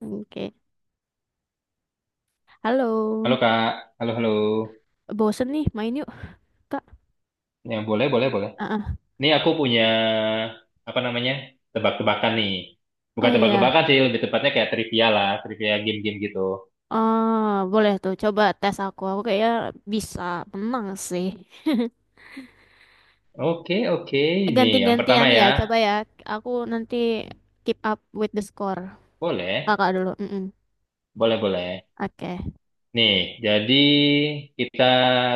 Oke. Halo. Halo Kak, halo halo. Bosen nih, main yuk, Kak. Ya boleh boleh boleh. Ah, ah. Ini aku punya apa namanya tebak-tebakan nih. Oh Bukan iya. tebak-tebakan sih, lebih tepatnya kayak trivia lah, trivia game-game gitu. Oh, boleh tuh. Coba tes aku. Aku kayaknya bisa menang sih. Oke oke. Nih yang pertama Ganti-gantian ya. ya, Coba ya. Aku nanti keep up with the score. boleh Kakak dulu. Mm-mm. boleh boleh. Oke. Nih jadi kita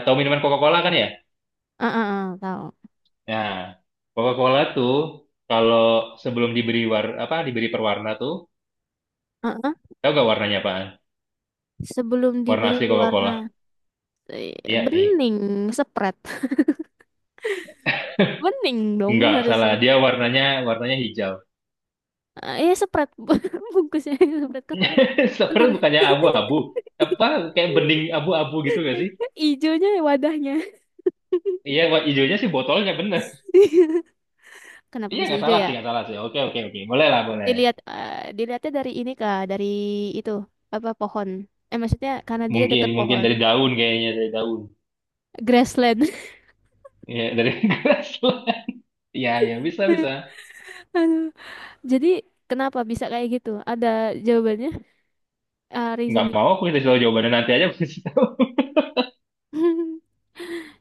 tahu minuman Coca-Cola kan ya? Ah, ah, tahu. Nah Coca-Cola tuh kalau sebelum diberi war apa diberi perwarna tuh, Ah, ah. tahu gak warnanya apaan? Sebelum Warna diberi asli warna Coca-Cola? eh, Iya nih. bening, spread. Bening dong Enggak, salah. harusnya. Dia warnanya warnanya hijau. Iya, spread. Bungkusnya spread. Kok, tapi bentar. Sebenarnya bukannya abu-abu. Apa kayak bening abu-abu gitu gak sih? Ijonya ya wadahnya. Iya, warna hijaunya sih botolnya bener. Kenapa Iya, bisa nggak hijau salah ya? sih, nggak salah sih. Oke, oke, oke. Boleh lah, boleh. Dilihat dilihatnya dari ini Kak, dari itu apa pohon. Eh maksudnya karena dia Mungkin, deket mungkin pohon. dari daun kayaknya, dari daun. Grassland. Iya, dari gelas lah. Iya, iya, bisa, bisa. Aduh. Jadi kenapa bisa kayak gitu? Ada jawabannya? Ah, Nggak reasoning. mau aku kasih tahu jawabannya nanti aja aku kasih tahu.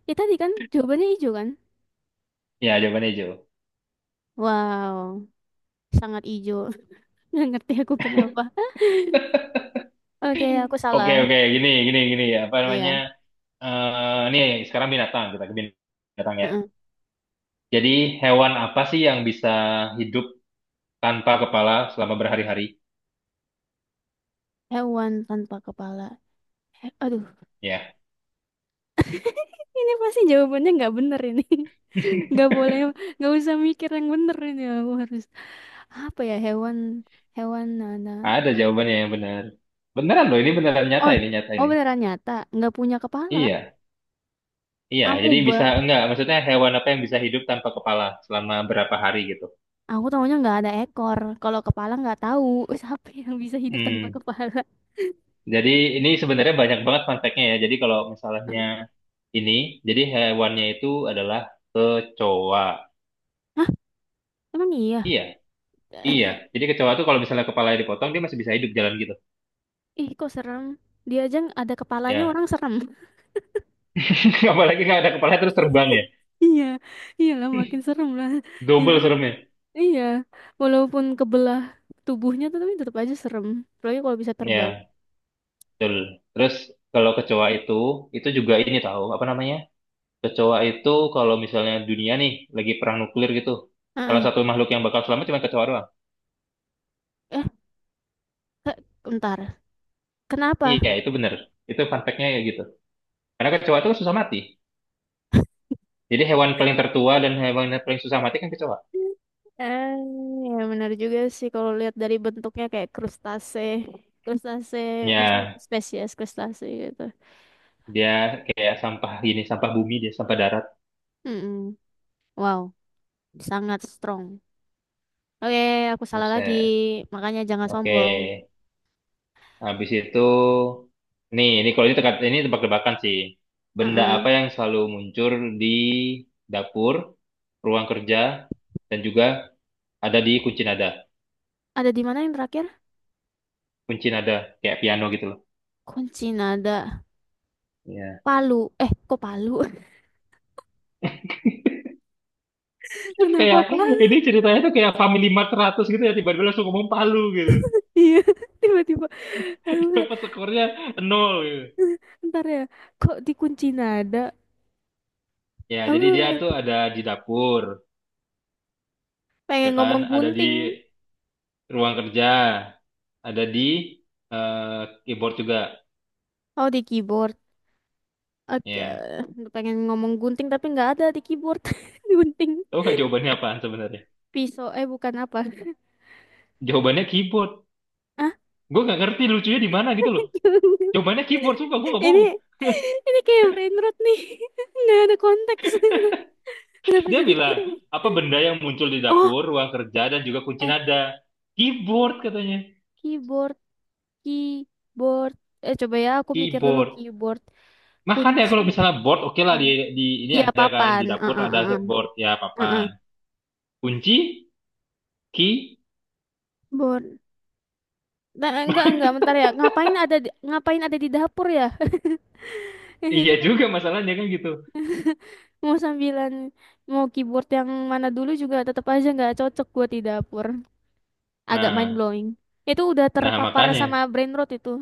Ya tadi kan jawabannya hijau kan? Iya, jawabannya hijau. Wow, sangat hijau. Nggak ngerti aku kenapa. Oke, aku Oke, salah. oke. Gini. Apa Oh, namanya? ya. Nih, sekarang binatang. Kita ke binatang ya. Heeh. Jadi, hewan apa sih yang bisa hidup tanpa kepala selama berhari-hari? Hewan tanpa kepala. He- Aduh, Ya. ini pasti jawabannya nggak bener ini. Nggak boleh, nggak usah mikir yang bener ini. Aku harus apa ya hewan hewan nana. Ada jawabannya yang benar. Beneran loh, ini beneran nyata Oh, ini, nyata oh ini. beneran nyata, nggak punya kepala. Iya, iya. Jadi Amuba. bisa enggak? Maksudnya hewan apa yang bisa hidup tanpa kepala selama berapa hari gitu? Aku tahunya nggak ada ekor. Kalau kepala nggak tahu. Siapa yang bisa hidup tanpa Hmm. kepala? Jadi ini sebenarnya banyak banget fun fact-nya ya. Jadi kalau misalnya Mm. ini, jadi hewannya itu adalah kecoa. Hah? Emang iya? Iya, iya. Jadi kecoa itu kalau misalnya kepalanya dipotong, dia masih bisa hidup jalan gitu. Ih, kok serem. Dia aja ada kepalanya Ya. orang serem. Apalagi nggak ada kepala terus terbang ya. Iya, iyalah makin serem lah itu. Double seremnya. Iya, walaupun kebelah tubuhnya tuh tapi tetap aja serem. Apalagi kalau bisa terbang. Ya, betul. Terus kalau kecoa itu juga ini tahu apa namanya? Kecoa itu kalau misalnya dunia nih lagi perang nuklir gitu, salah Heeh. satu makhluk yang bakal selamat cuma kecoa doang. Eh, ke- bentar. Kenapa? Iya, itu bener. Itu fun fact-nya ya gitu. Karena I- kecoa itu kan susah mati. Jadi hewan paling tertua dan hewan yang paling susah mati kan kecoa. Eh, ya benar juga sih kalau lihat dari bentuknya kayak krustase. Krustase, maksudnya Ya, spesies krustase gitu. dia kayak sampah gini, sampah bumi dia, sampah darat. Mm-mm. Wow, sangat strong. Oke, aku salah lagi. Buset. Makanya jangan Oke, sombong. habis itu, nih, ini kalau ini teka- ini tebak-tebakan sih. Benda apa Heeh. yang selalu muncul di dapur, ruang kerja, dan juga ada di kunci nada. Ada di mana yang terakhir? Kunci nada kayak piano gitu loh. Kunci nada. Iya. Palu. Eh, kok Palu? Kayak Kenapa ini Palu? ceritanya tuh kayak Family Mart 100 gitu ya tiba-tiba langsung ngomong palu gitu. Iya, tiba-tiba. Aku kayak, Dapat skornya nol gitu. ntar ya, kok dikunci nada? Ya, jadi dia Aku tuh ada di dapur, pengen ya kan? ngomong Ada di gunting. ruang kerja, ada di eh, keyboard juga. Oh, di keyboard. Oke, Ya. pengen ngomong gunting tapi nggak ada di keyboard. Gunting Tahu nggak jawabannya apaan sebenarnya? pisau, eh bukan apa. Jawabannya keyboard. Ah, Gue nggak ngerti lucunya di mana gitu loh. Jawabannya keyboard, sumpah gue nggak ini bohong. ini kayak brain rot nih. Nggak ada konteks. Kenapa Dia jadi bilang, keyboard? apa benda yang muncul di Oh, dapur, ruang kerja, dan juga kunci eh nada? Keyboard katanya. keyboard, keyboard. Eh coba ya, aku mikir dulu Keyboard. keyboard Makanya kunci. kalau misalnya board, oke lah Papan. Di ini Iya ada kan papan. di dapur ada Heeh, board ya papan. heeh. Kunci, key, Bun. Nah, enggak bentar ya. Ngapain ada di dapur ya? iya Itu juga masalahnya kan gitu. mau sambilan mau keyboard yang mana dulu juga tetap aja nggak cocok buat di dapur. Agak mind Nah, blowing. Itu udah nah terpapar makanya sama brain rot itu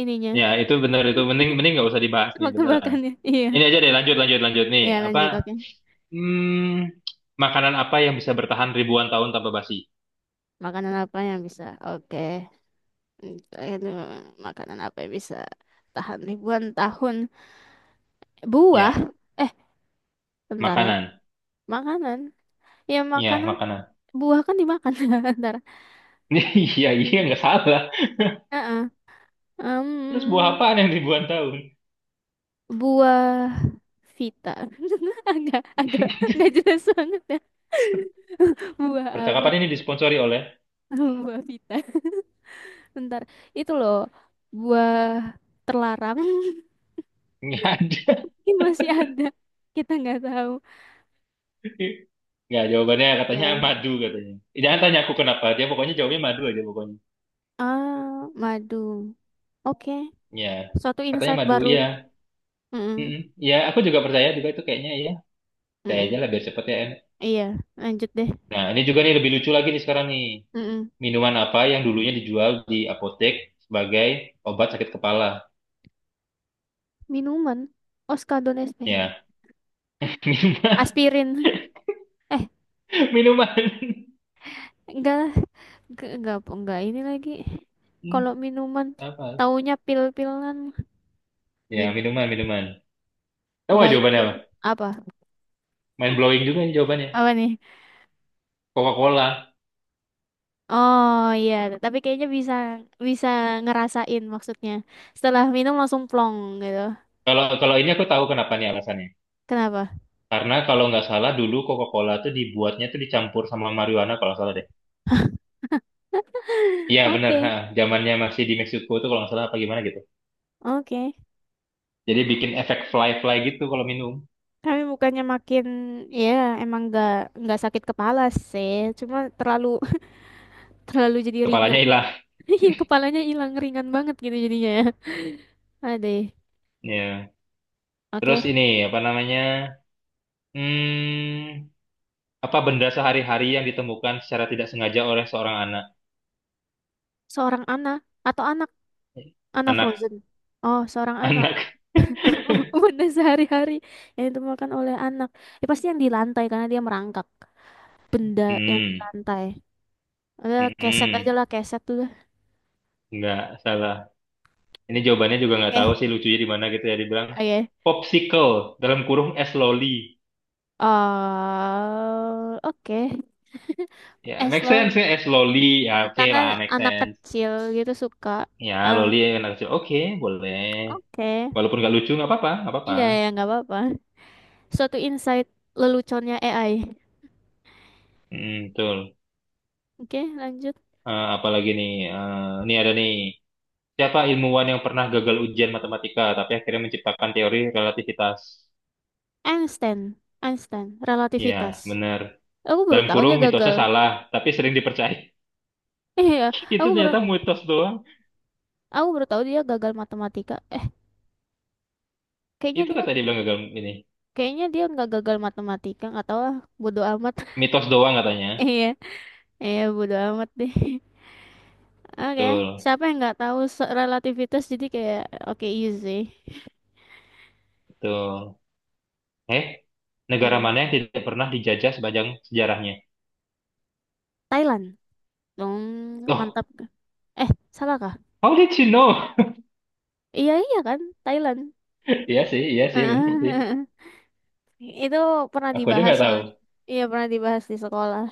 ininya. ya itu bener itu mending mending nggak usah dibahas nih beneran. Tebak-tebakannya. Iya. Ini aja deh lanjut lanjut lanjut nih Ya apa lanjut oke. hmm, makanan apa yang bisa bertahan ribuan tahun tanpa basi? Makanan apa yang bisa? Oke. Hmm, itu makanan apa yang bisa tahan ribuan tahun? Buah. Ya Eh, bentar ya. makanan, Makanan. Ya ya makanan makanan. buah kan dimakan. Bentar. Iya iya nggak salah. Heeh. Terus buah Em, apaan yang ribuan tahun? buah Vita. Agak agak nggak jelas banget ya. Buah apa? Percakapan ini disponsori oleh Buah Vita. Bentar. Itu loh buah terlarang. nggak ada. Ini masih ada. Kita nggak tahu. Nggak, jawabannya katanya Ya. madu katanya. Jangan tanya aku kenapa, dia pokoknya jawabnya madu aja pokoknya. Ah, madu. Oke. Ya, Suatu katanya insight madu, baru. iya. Mm-mm. Mm-mm. Ya, aku juga percaya juga itu kayaknya ya. Saya aja Mm-mm. lah biar cepet ya. Enak. Iya, lanjut deh. Nah, ini juga nih lebih lucu lagi nih sekarang nih. Mm-mm. Minuman apa yang dulunya dijual di apotek sebagai obat sakit kepala? Minuman. Oskadon SP. Ya, minuman, Aspirin. Eh, minuman. enggak. Enggak ini lagi. Hmm, Kalau minuman, Apa? taunya pil-pilan. Ya, Minum minuman, minuman. Tahu nggak baik jawabannya apa? goreng. Apa? Mind blowing juga ini jawabannya. Apa nih? Coca-Cola. Oh iya, tapi kayaknya bisa bisa ngerasain maksudnya. Setelah minum langsung plong gitu. Kalau kalau ini aku tahu kenapa nih alasannya. Kenapa? Karena kalau nggak salah dulu Coca-Cola tuh dibuatnya tuh dicampur sama marijuana kalau nggak salah deh. Iya benar, ha. Oke, Zamannya masih di Meksiko tuh kalau nggak salah apa gimana gitu. oke. Jadi bikin efek fly-fly gitu kalau minum. Kami bukannya makin ya emang nggak sakit kepala sih, cuma terlalu terlalu jadi Kepalanya ringan. hilang. Iya, kepalanya hilang ringan banget gitu jadinya ya. Aduh. Ya. Terus Oke. ini apa namanya? Hmm, apa benda sehari-hari yang ditemukan secara tidak sengaja oleh seorang anak? Seorang anak atau anak anak Anak, Frozen. Oh, seorang anak. anak. Benda sehari-hari yang ditemukan oleh anak. Ya, pasti yang di lantai karena dia merangkak benda yang di Hmm, lantai. Ada keset aja hmm, lah, keset tuh. nggak salah. Ini jawabannya juga nggak tahu Oke, sih lucunya di mana gitu ya dibilang oke. popsicle dalam kurung es loli. Eh, oke. Ya, Es make loli. sense ya, es loli. Ya, oke Karena lah, make anak sense. kecil gitu suka. Ya, Eh, loli anak kecil. Oke, boleh. oke. Walaupun nggak lucu, nggak apa-apa, nggak apa-apa. Iya ya, nggak apa-apa. Suatu insight leluconnya AI. Hmm, betul. Oke, lanjut. Apalagi nih, ini ada nih. Siapa ilmuwan yang pernah gagal ujian matematika, tapi akhirnya menciptakan teori relativitas? Einstein. Einstein. Ya, Relativitas. benar. Aku baru Dalam tahu kurung, dia mitosnya gagal. salah, tapi sering dipercaya. Eh ya, Itu aku baru ternyata mitos doang. aku baru tahu dia gagal matematika. Eh, kayaknya Itu dia kata dia bilang gagal ini. kayaknya dia nggak gagal matematika, nggak tahu lah, bodoh amat. Mitos doang katanya. Iya, iya bodoh amat deh. Oke, Betul, siapa yang nggak tahu se- relativitas jadi kayak oke easy. betul. Eh, negara Hmm. mana yang tidak pernah dijajah sepanjang sejarahnya? Thailand. Dong, Loh, mantap. Eh, salah kah? how did you know? Iya iya kan, Thailand. Iya sih, bener sih. Itu pernah Aku aja dibahas nggak tahu. soalnya. Iya, pernah dibahas di sekolah.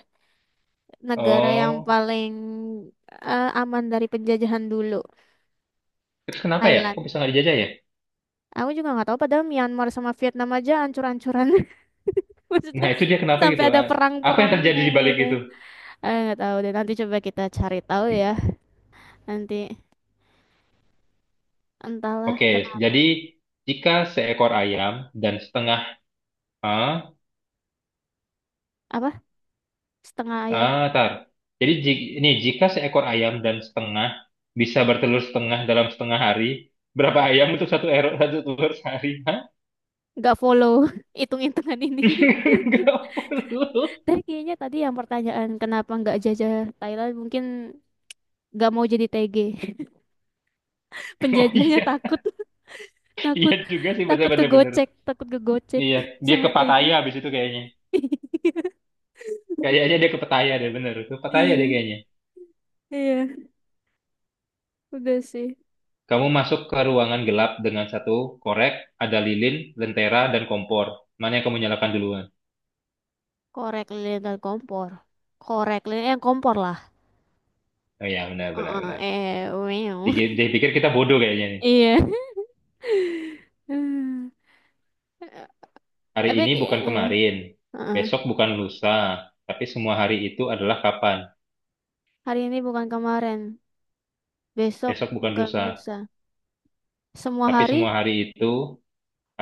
Negara yang Oh, paling eh, aman dari penjajahan dulu, terus kenapa ya? Kok Thailand. bisa nggak dijajah ya? Aku juga nggak tahu padahal Myanmar sama Vietnam aja ancur-ancuran. Maksudnya Nah, itu dia kenapa sampai gitu. ada Ah, apa yang perang-perangnya terjadi di balik gitu. itu? Eh nggak tahu deh nanti coba kita cari tahu ya. Nanti entahlah Oke, kenapa. jadi jika seekor ayam dan setengah... Ah, Apa? Setengah ayam. ah, tar. Jadi ji- ini jika seekor ayam dan setengah bisa bertelur setengah dalam setengah hari, berapa ayam untuk satu erok satu telur sehari? Hah? Nggak follow hitung-hitungan ini. Nggak perlu. Tapi kayaknya tadi yang pertanyaan kenapa nggak jajah Thailand mungkin nggak mau jadi TG. Oh Penjajahnya iya, takut. iya takut juga sih, takut bener-bener. kegocek Iya, dia sama ke Tegi Pattaya habis itu kayaknya. Kayaknya dia ke Pattaya deh, bener. Ke Pattaya deh iya kayaknya. iya udah sih Kamu masuk ke ruangan gelap dengan satu korek, ada lilin, lentera, dan kompor. Mana yang kamu nyalakan duluan? Korek lilin dan kompor. Korek lilin yang kompor lah. Oh iya, benar, benar, Heeh, benar. eh, meow. Diki- Dia pikir kita bodoh kayaknya nih. iya Hmm. Eh, Hari tapi ini kayak- bukan ya. kemarin, Heeh. besok bukan lusa, tapi semua hari itu adalah kapan? Hari ini bukan kemarin, besok Besok bukan bukan lusa, lusa. Semua tapi hari? semua hari itu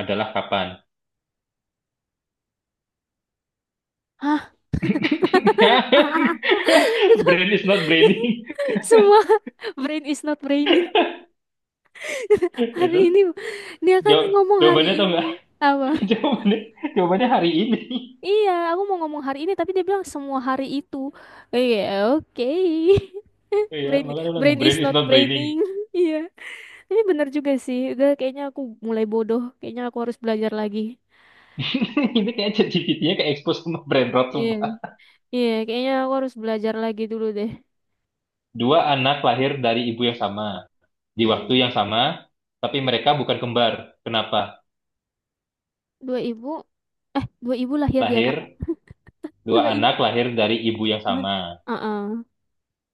adalah kapan? Hah? Brain is not braining. semua brain is not braining hari Itu ini dia kan jaw- ngomong hari jawabannya tuh ini apa jawabannya, jawabannya hari ini. Iya, aku mau ngomong hari ini, tapi dia bilang semua hari itu. Iya, oke. Iya, Brain, makanya bilang brain is brain is not not braining. braining. Iya. Tapi bener juga sih. Udah kayaknya aku mulai bodoh. Kayaknya aku harus belajar lagi. Ini kayak ChatGPT-nya kayak expose sama brain rot Iya. sumpah. Iya, kayaknya aku harus belajar lagi dulu deh. Dua anak lahir dari ibu yang sama, di waktu Mm-mm. yang sama, tapi mereka bukan kembar. Kenapa? Dua ibu, eh dua ibu lahir di Lahir, anak. dua Dua ibu. anak lahir dari ibu yang sama, Heeh.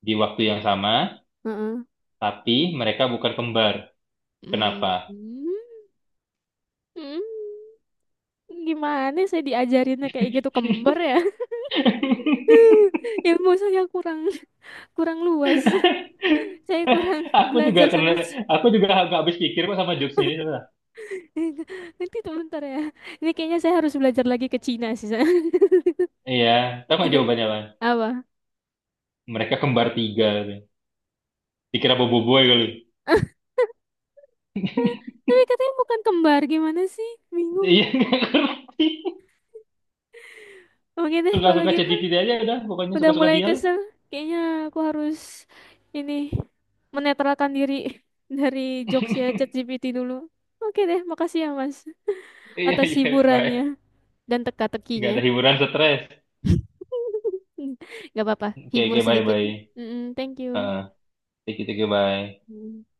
di waktu yang sama, Heeh. tapi mereka bukan kembar. Kenapa? Mm. Mm. Gimana saya diajarinnya kayak gitu kembar ya? Ilmu saya kurang kurang luas. Saya kurang Aku juga belajar kena, sampai C- aku juga nggak habis pikir kok sama jokes ini. Coba. nanti tuh bentar ya. Ini kayaknya saya harus belajar lagi ke Cina sih saya. Iya, tahu nggak Ya, jawabannya, Lan? apa? Mereka kembar tiga. Gitu. Dikira Boboiboy kali. Tapi katanya bukan kembar, gimana sih? Bingung. Iya nggak ngerti. Oke deh kalau Suka-suka gitu. ChatGPT aja udah, pokoknya Udah suka-suka mulai dia lah. kesel. Kayaknya aku harus ini menetralkan diri dari jokes ya ChatGPT dulu. Oke deh, makasih ya Mas Iya atas iya, hiburannya bye. dan Nggak teka-tekinya. ada hiburan stres. Gak apa-apa, Oke hibur oke bye sedikit. bye. Mm-mm, thank you. Heeh, thank you bye. Mm.